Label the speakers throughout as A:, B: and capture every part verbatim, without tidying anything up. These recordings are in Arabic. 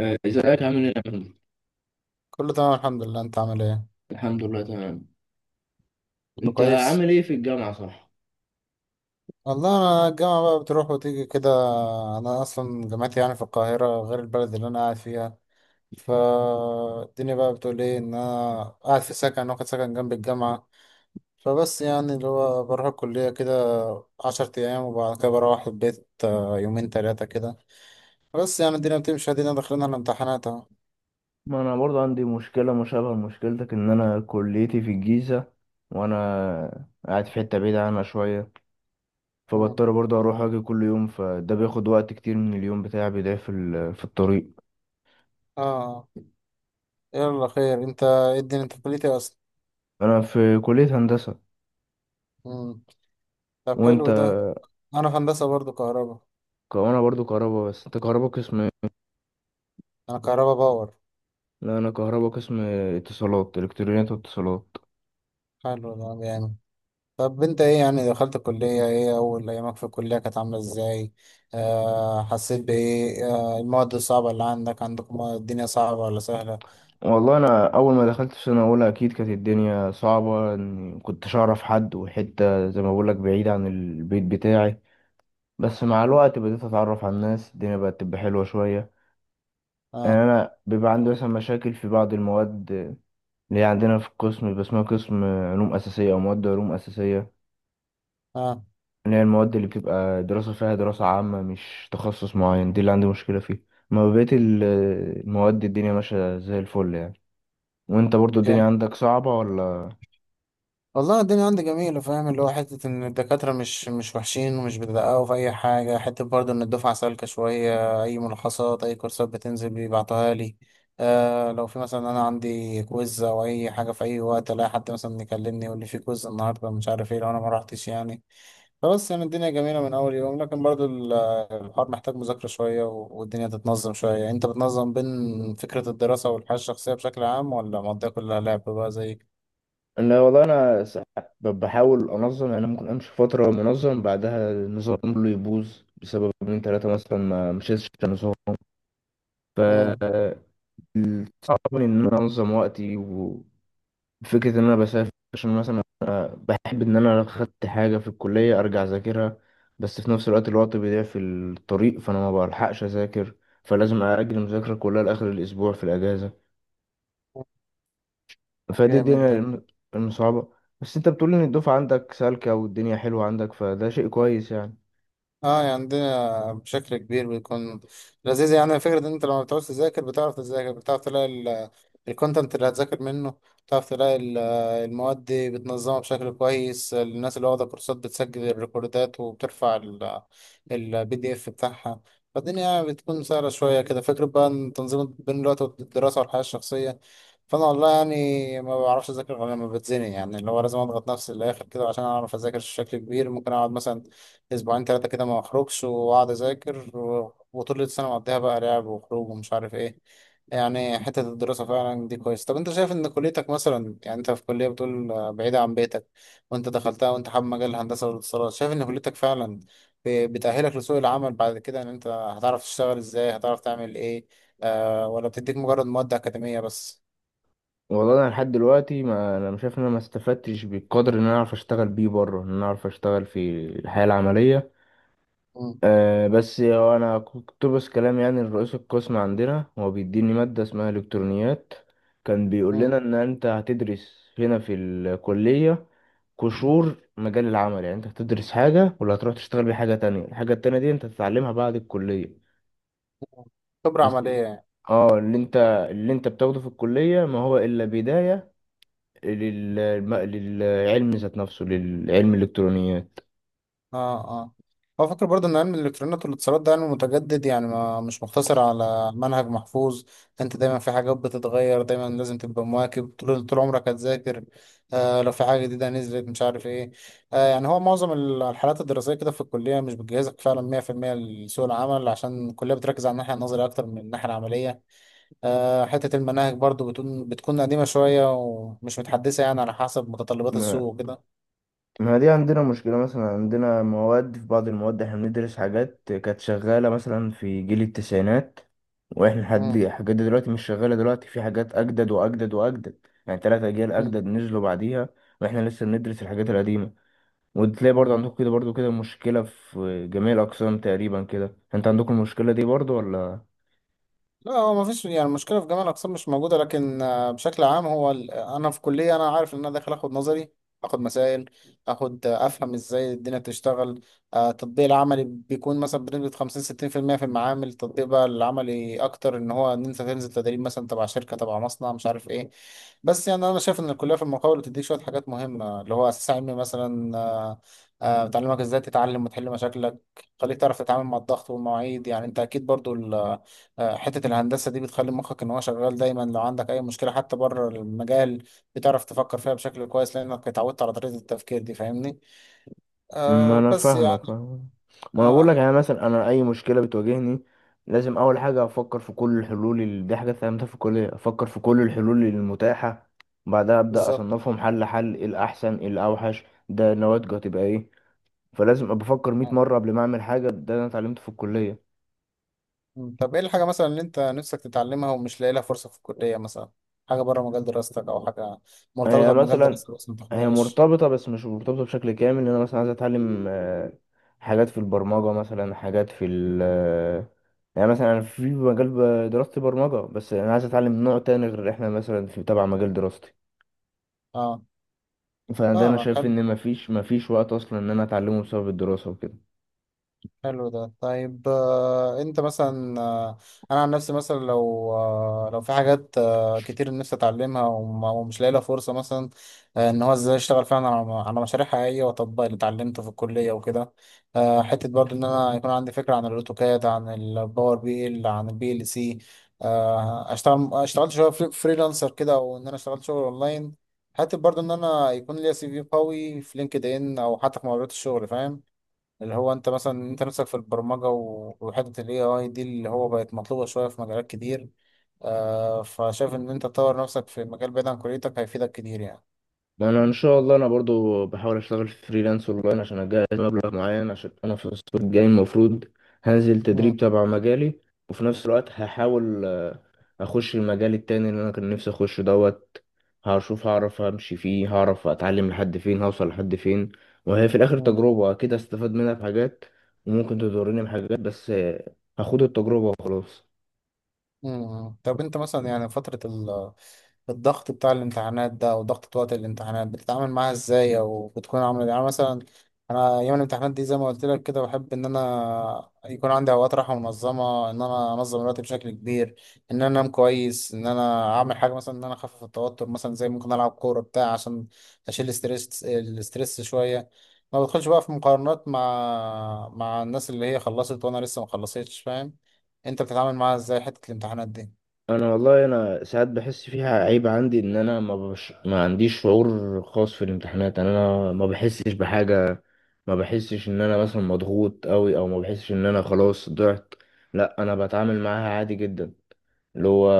A: آه، ازيك عامل ايه يا محمد؟
B: كله تمام الحمد لله، انت عامل ايه؟
A: الحمد لله تمام،
B: كله
A: انت
B: كويس.
A: عامل ايه في الجامعة صح؟
B: والله انا الجامعه بقى بتروح وتيجي كده. انا اصلا جامعتي يعني في القاهره غير البلد اللي انا قاعد فيها. فالدنيا بقى بتقول ايه، ان انا قاعد في سكن، واخد سكن جنب الجامعه. فبس يعني اللي هو بروح الكليه كده عشرة ايام وبعد كده بروح البيت، آه، يومين تلاتة كده. بس يعني الدنيا بتمشي، ادينا داخلين على الامتحانات اهو.
A: ما انا برضه عندي مشكله مشابهه لمشكلتك، ان انا كليتي في الجيزه وانا قاعد في حته بعيده عنها شويه،
B: مم.
A: فبضطر برضه اروح اجي كل يوم، فده بياخد وقت كتير من اليوم بتاعي بيضيع في ال- في الطريق.
B: اه. يلا خير، انت ايه الدنيا، انت في كليتي اصلا؟
A: انا في كليه هندسه،
B: مم. طب حلو
A: وانت؟
B: ده. انا في هندسه برضو كهرباء.
A: ك- وانا برضه كهربا، بس انت كهربا قسم ايه؟
B: انا كهربا باور.
A: لا انا كهربا قسم اتصالات، الكترونيات واتصالات.
B: حلو ده جامد. طب انت ايه يعني، دخلت الكلية، ايه اول ايامك في الكلية كانت عاملة ازاي؟ آه، حسيت بايه؟ آه، المواد الصعبة اللي عندك عندكم، الدنيا صعبة ولا سهلة؟
A: والله انا اول ما دخلت في سنه اولى اكيد كانت الدنيا صعبه، اني كنتش اعرف حد، وحته زي ما بقول لك بعيد عن البيت بتاعي. بس مع الوقت بديت اتعرف على الناس، الدنيا بقت تبقى حلوه شويه. يعني
B: اه.
A: انا بيبقى عندي مثلا مشاكل في بعض المواد، اللي هي عندنا في القسم بيبقى اسمها قسم علوم اساسيه، او مواد علوم اساسيه،
B: اه.
A: اللي هي المواد اللي بتبقى دراسه فيها دراسه عامه مش تخصص معين، دي اللي عندي مشكله فيها. ما بقيت ال- المواد الدنيا ماشيه زي الفل يعني. وانت برضو الدنيا عندك صعبه ولا؟
B: والله الدنيا عندي جميلة، فاهم اللي هو حتة إن الدكاترة مش مش وحشين ومش بيدققوا في أي حاجة، حتة برضه إن الدفعة سالكة شوية، أي ملخصات أي كورسات بتنزل بيبعتوها لي. آه، لو في مثلا أنا عندي كويز أو أي حاجة، في أي وقت ألاقي حد مثلا يكلمني يقول لي في كويز النهاردة مش عارف إيه لو أنا ما روحتش يعني. فبس يعني الدنيا جميلة من أول يوم، لكن برضه ال- الحوار محتاج مذاكرة شوية، و- والدنيا تتنظم شوية. أنت بتنظم بين فكرة الدراسة والحياة الشخصية بشكل عام ولا مقضيها كلها لعب بقى زي؟
A: انا والله انا س- ب- بحاول انظم، يعني أنا ممكن امشي فتره منظم بعدها النظام كله يبوظ بسبب من ثلاثه مثلا ما مشيتش في النظام. ف
B: مم.
A: صعب ان انا انظم وقتي، وفكره ان انا بسافر، عشان مثلا أنا بحب ان انا لو خدت حاجه في الكليه ارجع اذاكرها، بس في نفس الوقت الوقت بيضيع في الطريق فانا ما بلحقش اذاكر، فلازم اجل المذاكره كلها لاخر الاسبوع في الاجازه. فدي دي
B: جامد ده.
A: الم- المصعبة. بس انت بتقول ان الدفعة عندك سالكة والدنيا حلوة عندك، فده شيء كويس يعني.
B: اه يعني عندنا بشكل كبير بيكون لذيذ، يعني فكرة ان انت لما بتعوز تذاكر بتعرف تذاكر، بتعرف تلاقي ال- الكونتنت اللي هتذاكر منه، بتعرف تلاقي ال- المواد دي بتنظمها بشكل كويس. الناس اللي واخدة كورسات بتسجل الريكوردات وبترفع البي دي اف بتاعها. فالدنيا يعني بتكون سهلة شوية كده. فكرة بقى ان تنظيم بين الوقت والدراسة والحياة الشخصية، فانا والله يعني ما بعرفش اذاكر غير لما بتزنق، يعني اللي هو لازم اضغط نفسي للاخر كده عشان اعرف اذاكر بشكل كبير. ممكن اقعد مثلا اسبوعين ثلاثه كده ما اخرجش واقعد اذاكر، و- وطول السنه مقضيها بقى لعب وخروج ومش عارف ايه. يعني حته الدراسه فعلا دي كويس. طب انت شايف ان كليتك مثلا، يعني انت في كليه بتقول آه، بعيده عن بيتك، وانت دخلتها وانت حابب مجال الهندسه والاتصالات، شايف ان كليتك فعلا ب- بتأهلك لسوق العمل بعد كده، ان انت هتعرف تشتغل ازاي، هتعرف تعمل ايه؟ آه، ولا بتديك مجرد مواد اكاديميه بس؟
A: والله انا لحد دلوقتي ما انا مش شايف ان انا ما استفدتش بالقدر ان انا اعرف اشتغل بيه بره، ان انا اعرف اشتغل في الحياة العملية.
B: مم.
A: أه، بس هو انا كنت بس كلام، يعني الرئيس القسم عندنا، هو بيديني مادة اسمها الكترونيات، كان بيقول لنا
B: مم.
A: ان انت هتدرس هنا في الكلية قشور مجال العمل، يعني انت هتدرس حاجة ولا هتروح تشتغل بيها حاجة تانية، الحاجة التانية دي انت هتتعلمها بعد الكلية.
B: خبره
A: بس
B: عمليه
A: ال-
B: يعني.
A: اه، اللي انت اللي انت بتاخده في الكلية ما هو الا بداية لل... الم- للعلم ذات نفسه، للعلم الالكترونيات.
B: اه. اه. بفكر برضه ان علم الالكترونيات والاتصالات ده علم متجدد، يعني ما مش مقتصر على منهج محفوظ. انت دايما في حاجات بتتغير، دايما لازم تبقى مواكب طول طول عمرك هتذاكر. آه، لو في حاجه جديده نزلت مش عارف ايه. آه، يعني هو معظم ال- الحالات الدراسيه كده في الكليه مش بتجهزك فعلا مية في المية لسوق العمل، عشان الكليه بتركز على الناحيه النظريه اكتر من الناحيه العمليه. آه، حته المناهج برضه بتكون بتكون قديمه شويه ومش متحدثه، يعني على حسب متطلبات
A: ما...
B: السوق وكده.
A: ما دي عندنا مشكلة، مثلا عندنا مواد، في بعض المواد احنا بندرس حاجات كانت شغالة مثلا في جيل التسعينات، واحنا لحد
B: مم،
A: الحاجات دي دلوقتي، مش شغالة دلوقتي، في حاجات اجدد واجدد واجدد، يعني تلات اجيال
B: مم،
A: اجدد نزلوا بعديها، واحنا لسه بندرس الحاجات القديمة. وتلاقي برضه
B: مم.
A: عندكم كده، برضه كده مشكلة في جميع الأقسام تقريبا كده، انت عندكم المشكلة دي برضه ولا؟
B: لا هو ما فيش يعني المشكله في جميع الاقسام مش موجوده، لكن آه، بشكل عام هو ال- آه، انا في كليه انا عارف ان انا داخل اخد نظري، اخد مسائل، اخد آه، افهم ازاي الدنيا بتشتغل. آه، التطبيق العملي بيكون مثلا بنسبه خمسين ستين في المية في المية، في المعامل التطبيق بقى العملي اكتر ان هو ان انت تنزل تدريب مثلا تبع شركه تبع مصنع مش عارف ايه. بس يعني انا شايف ان الكليه في المقاول بتديك شويه حاجات مهمه، اللي هو اساس علمي مثلا، آه، آه، بتعلمك ازاي تتعلم وتحل مشاكلك، خليك تعرف تتعامل مع الضغط والمواعيد. يعني انت اكيد برضو آه، حتة الهندسة دي بتخلي مخك إن هو شغال دايما، لو عندك أي مشكلة حتى بره المجال بتعرف تفكر فيها بشكل كويس، لأنك اتعودت على طريقة التفكير دي. فاهمني؟
A: ما
B: آه
A: انا
B: بس
A: فاهمك
B: يعني.
A: فاهمك، ما انا
B: آه.
A: بقول لك، يعني مثلا انا اي مشكلة بتواجهني لازم اول حاجة افكر في كل الحلول، ال- دي حاجة اتعلمتها في الكلية، افكر في كل الحلول المتاحة، بعدها ابدا
B: بالظبط.
A: اصنفهم حل حل، إيه الاحسن، إيه الاوحش، ده نواتجه هتبقى ايه. فلازم ابقى افكر ميه
B: آه.
A: مرة قبل ما اعمل حاجة، ده انا اتعلمته في الكلية.
B: م. طب إيه الحاجة مثلا اللي أنت نفسك تتعلمها ومش لاقي لها فرصة في الكلية مثلا؟ حاجة بره مجال دراستك، أو حاجة
A: هي
B: مرتبطة بمجال
A: مثلا،
B: دراستك بس ما
A: هي
B: تاخدهاش؟
A: مرتبطة بس مش مرتبطة بشكل كامل، ان انا مثلا عايز اتعلم آه، حاجات في البرمجة، مثلا حاجات في ال آه، يعني مثلا انا في مجال ب- دراستي برمجة، بس انا عايز اتعلم نوع تاني غير احنا مثلا في تبع مجال دراستي،
B: آه
A: فانا ده انا
B: فاهمك.
A: شايف
B: حلو.
A: ان مفيش مفيش وقت اصلا ان انا اتعلمه بسبب الدراسة وكده.
B: حلو ده. طيب آه، انت مثلا آه، انا عن نفسي مثلا لو آه، لو في حاجات آه، كتير نفسي اتعلمها وم- ومش لاقي لها فرصه مثلا. آه، ان هو ازاي اشتغل فعلا على على مشاريع حقيقيه واطبق اللي اتعلمته في الكليه وكده. آه، حته برضو ان انا يكون عندي فكره عن الاوتوكاد، عن الباور بي ال، عن البي ال سي. آه، اشتغل اشتغلت شويه فري- فريلانسر كده، او ان انا اشتغلت شغل اونلاين. حتى برضو ان انا يكون ليا سي في قوي في لينكد ان، او حتى في مقابلات الشغل. فاهم اللي هو انت مثلا، انت نفسك في البرمجة و- وحتة ال إيه آي دي اللي هو بقت مطلوبة شوية في مجالات كتير. آه، فشايف ان انت تطور نفسك في مجال بعيد عن كليتك هيفيدك كتير يعني.
A: انا ان شاء الله انا برضو بحاول اشتغل فريلانس اونلاين، عشان اجهز مبلغ معين، عشان انا في الصيف الجاي المفروض هنزل تدريب
B: مم.
A: تبع مجالي، وفي نفس الوقت هحاول اخش المجال التاني اللي انا كان نفسي اخش دوت، هشوف هعرف امشي فيه، هعرف اتعلم لحد فين، هوصل لحد فين. وهي في الاخر
B: مم.
A: تجربة اكيد استفاد منها بحاجات وممكن تضرني بحاجات، بس آه، هاخد التجربة وخلاص.
B: مم. طب انت مثلا يعني فترة الضغط بتاع الامتحانات ده، او ضغط وقت الامتحانات، بتتعامل معاها ازاي؟ او بتكون عامله يعني مثلا؟ انا ايام الامتحانات دي زي ما قلت لك كده، بحب ان انا يكون عندي اوقات راحه منظمه، ان انا انظم الوقت بشكل كبير، ان انا انام كويس، ان انا اعمل حاجه مثلا ان انا اخفف التوتر، مثلا زي ممكن العب كوره بتاع عشان اشيل الاسترس الاسترس شويه. ما بدخلش بقى في مقارنات مع مع الناس اللي هي خلصت وانا لسه ما خلصتش. فاهم انت بتتعامل معاها ازاي حته الامتحانات دي؟
A: انا والله انا ساعات بحس فيها عيب عندي، ان انا ما بش... ما عنديش شعور خاص في الامتحانات، يعني انا ما بحسش بحاجة، ما بحسش ان انا مثلا مضغوط قوي، او ما بحسش ان انا خلاص ضعت، لا انا بتعامل معاها عادي جدا، اللي هو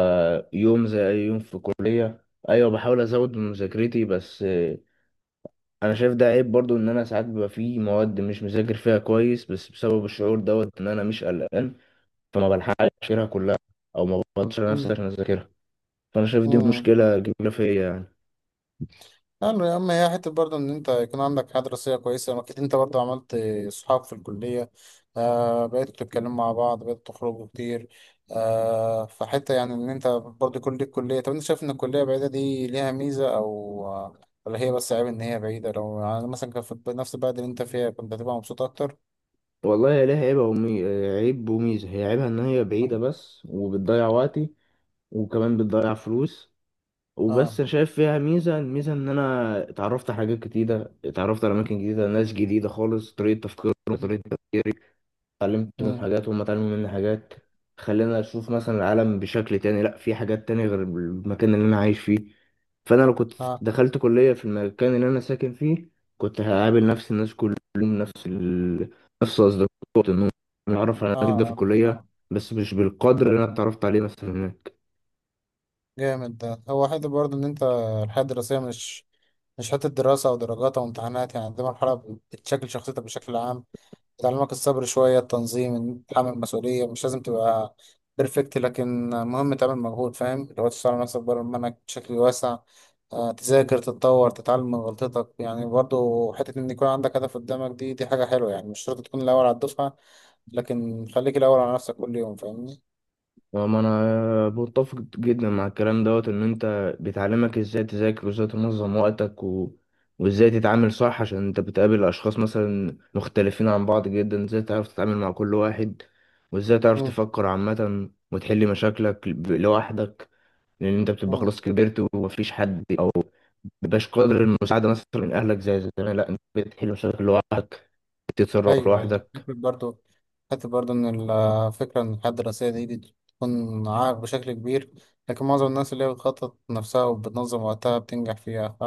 A: يوم زي أي يوم في الكلية. أيوة، بحاول أزود من مذاكرتي، بس آه، أنا شايف ده عيب برضو، إن أنا ساعات بيبقى فيه مواد مش مذاكر فيها كويس بس بسبب الشعور دوت، إن أنا مش قلقان، فما بلحقش أذاكرها كلها، أو ما بفضلش على نفسي عشان أذاكرها، فأنا شايف دي
B: مم.
A: مشكلة كبيرة فيا يعني.
B: حلو يا عم. هي حتة برضه إن أنت يكون عندك حياة دراسية كويسة، أكيد أنت برضه عملت صحاب في الكلية، آه، بقيتوا تتكلموا مع بعض، بقيتوا تخرجوا كتير. آه، فحتة يعني إن أنت برضه يكون ليك كلية. طب أنت شايف إن الكلية بعيدة دي ليها ميزة، أو آه، ولا هي بس عيب إن هي بعيدة؟ لو يعني مثلا كان في نفس البلد اللي أنت فيها، كنت هتبقى مبسوط أكتر؟
A: والله هي ليها عيب ومي... عيب وميزة. هي عيبها إن هي بعيدة بس، وبتضيع وقتي، وكمان بتضيع فلوس. وبس
B: آه.
A: أنا شايف فيها ميزة، الميزة إن أنا اتعرفت على حاجات جديدة، اتعرفت على أماكن جديدة، ناس جديدة خالص، طريقة تفكيرهم، طريقة تفكيري، اتعلمت منهم
B: آه
A: حاجات وهم اتعلموا مني حاجات، خلينا أشوف مثلا العالم بشكل تاني، لأ في حاجات تانية غير المكان اللي أنا عايش فيه. فأنا لو كنت
B: آه
A: دخلت كلية في المكان اللي أنا ساكن فيه كنت هقابل نفس الناس كل يوم، نفس ال... نفس أصدقاء النوم. أنا أعرف على
B: آه
A: ناس جدا في
B: آه
A: الكلية
B: آه.
A: بس مش بالقدر اللي أنا اتعرفت عليه مثلا هناك.
B: جامد ده. هو حته برضه ان انت الحياه الدراسيه مش، مش حته دراسه او درجات او امتحانات يعني، دي مرحله بتشكل شخصيتك بشكل عام. بتعلمك الصبر شويه، التنظيم، إن تتحمل مسؤوليه. مش لازم تبقى بيرفكت، لكن مهم تعمل مجهود. فاهم لو تشتغل على نفسك بره المنهج بشكل واسع، آه، تذاكر تتطور تتعلم من غلطتك. يعني برضه حته ان يكون عندك هدف قدامك، دي دي حاجه حلوه يعني. مش شرط تكون الاول على الدفعه، لكن خليك الاول على نفسك كل يوم. فاهمني؟
A: وما انا متفق جدا مع الكلام دوت، ان انت بتعلمك ازاي تذاكر، وازاي تنظم وقتك و... وازاي تتعامل صح، عشان انت بتقابل اشخاص مثلا مختلفين عن بعض جدا، ازاي تعرف تتعامل مع كل واحد، وازاي تعرف
B: مم،
A: تفكر عامة، وتحل مشاكلك ب- لوحدك، لان انت بتبقى
B: مم.
A: خلاص كبرت، ومفيش حد، او مبيبقاش قادر المساعدة مثلا من اهلك زي زمان، لا انت بتحل مشاكل لوحدك، بتتصرف
B: ايوه يعني
A: لوحدك.
B: فكرة برضه، حتى برضه إن الفكرة إن الحياة الدراسية دي بتكون عائق بشكل كبير، لكن معظم الناس اللي هي بتخطط نفسها وبتنظم وقتها بتنجح فيها. فا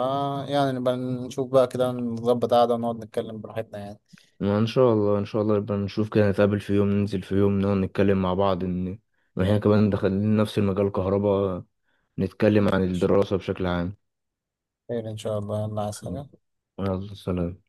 B: يعني نبقى نشوف بقى كده، نظبط قعدة ونقعد نتكلم براحتنا يعني.
A: ما ان شاء الله، ان شاء الله يبقى نشوف كده، نتقابل في يوم، ننزل في يوم، نقعد نتكلم مع بعض، ان إن احنا كمان دخلنا نفس المجال كهرباء، نتكلم عن الدراسة بشكل عام.
B: خير إن شاء الله. يلا عايز حاجة؟
A: يلا سلام.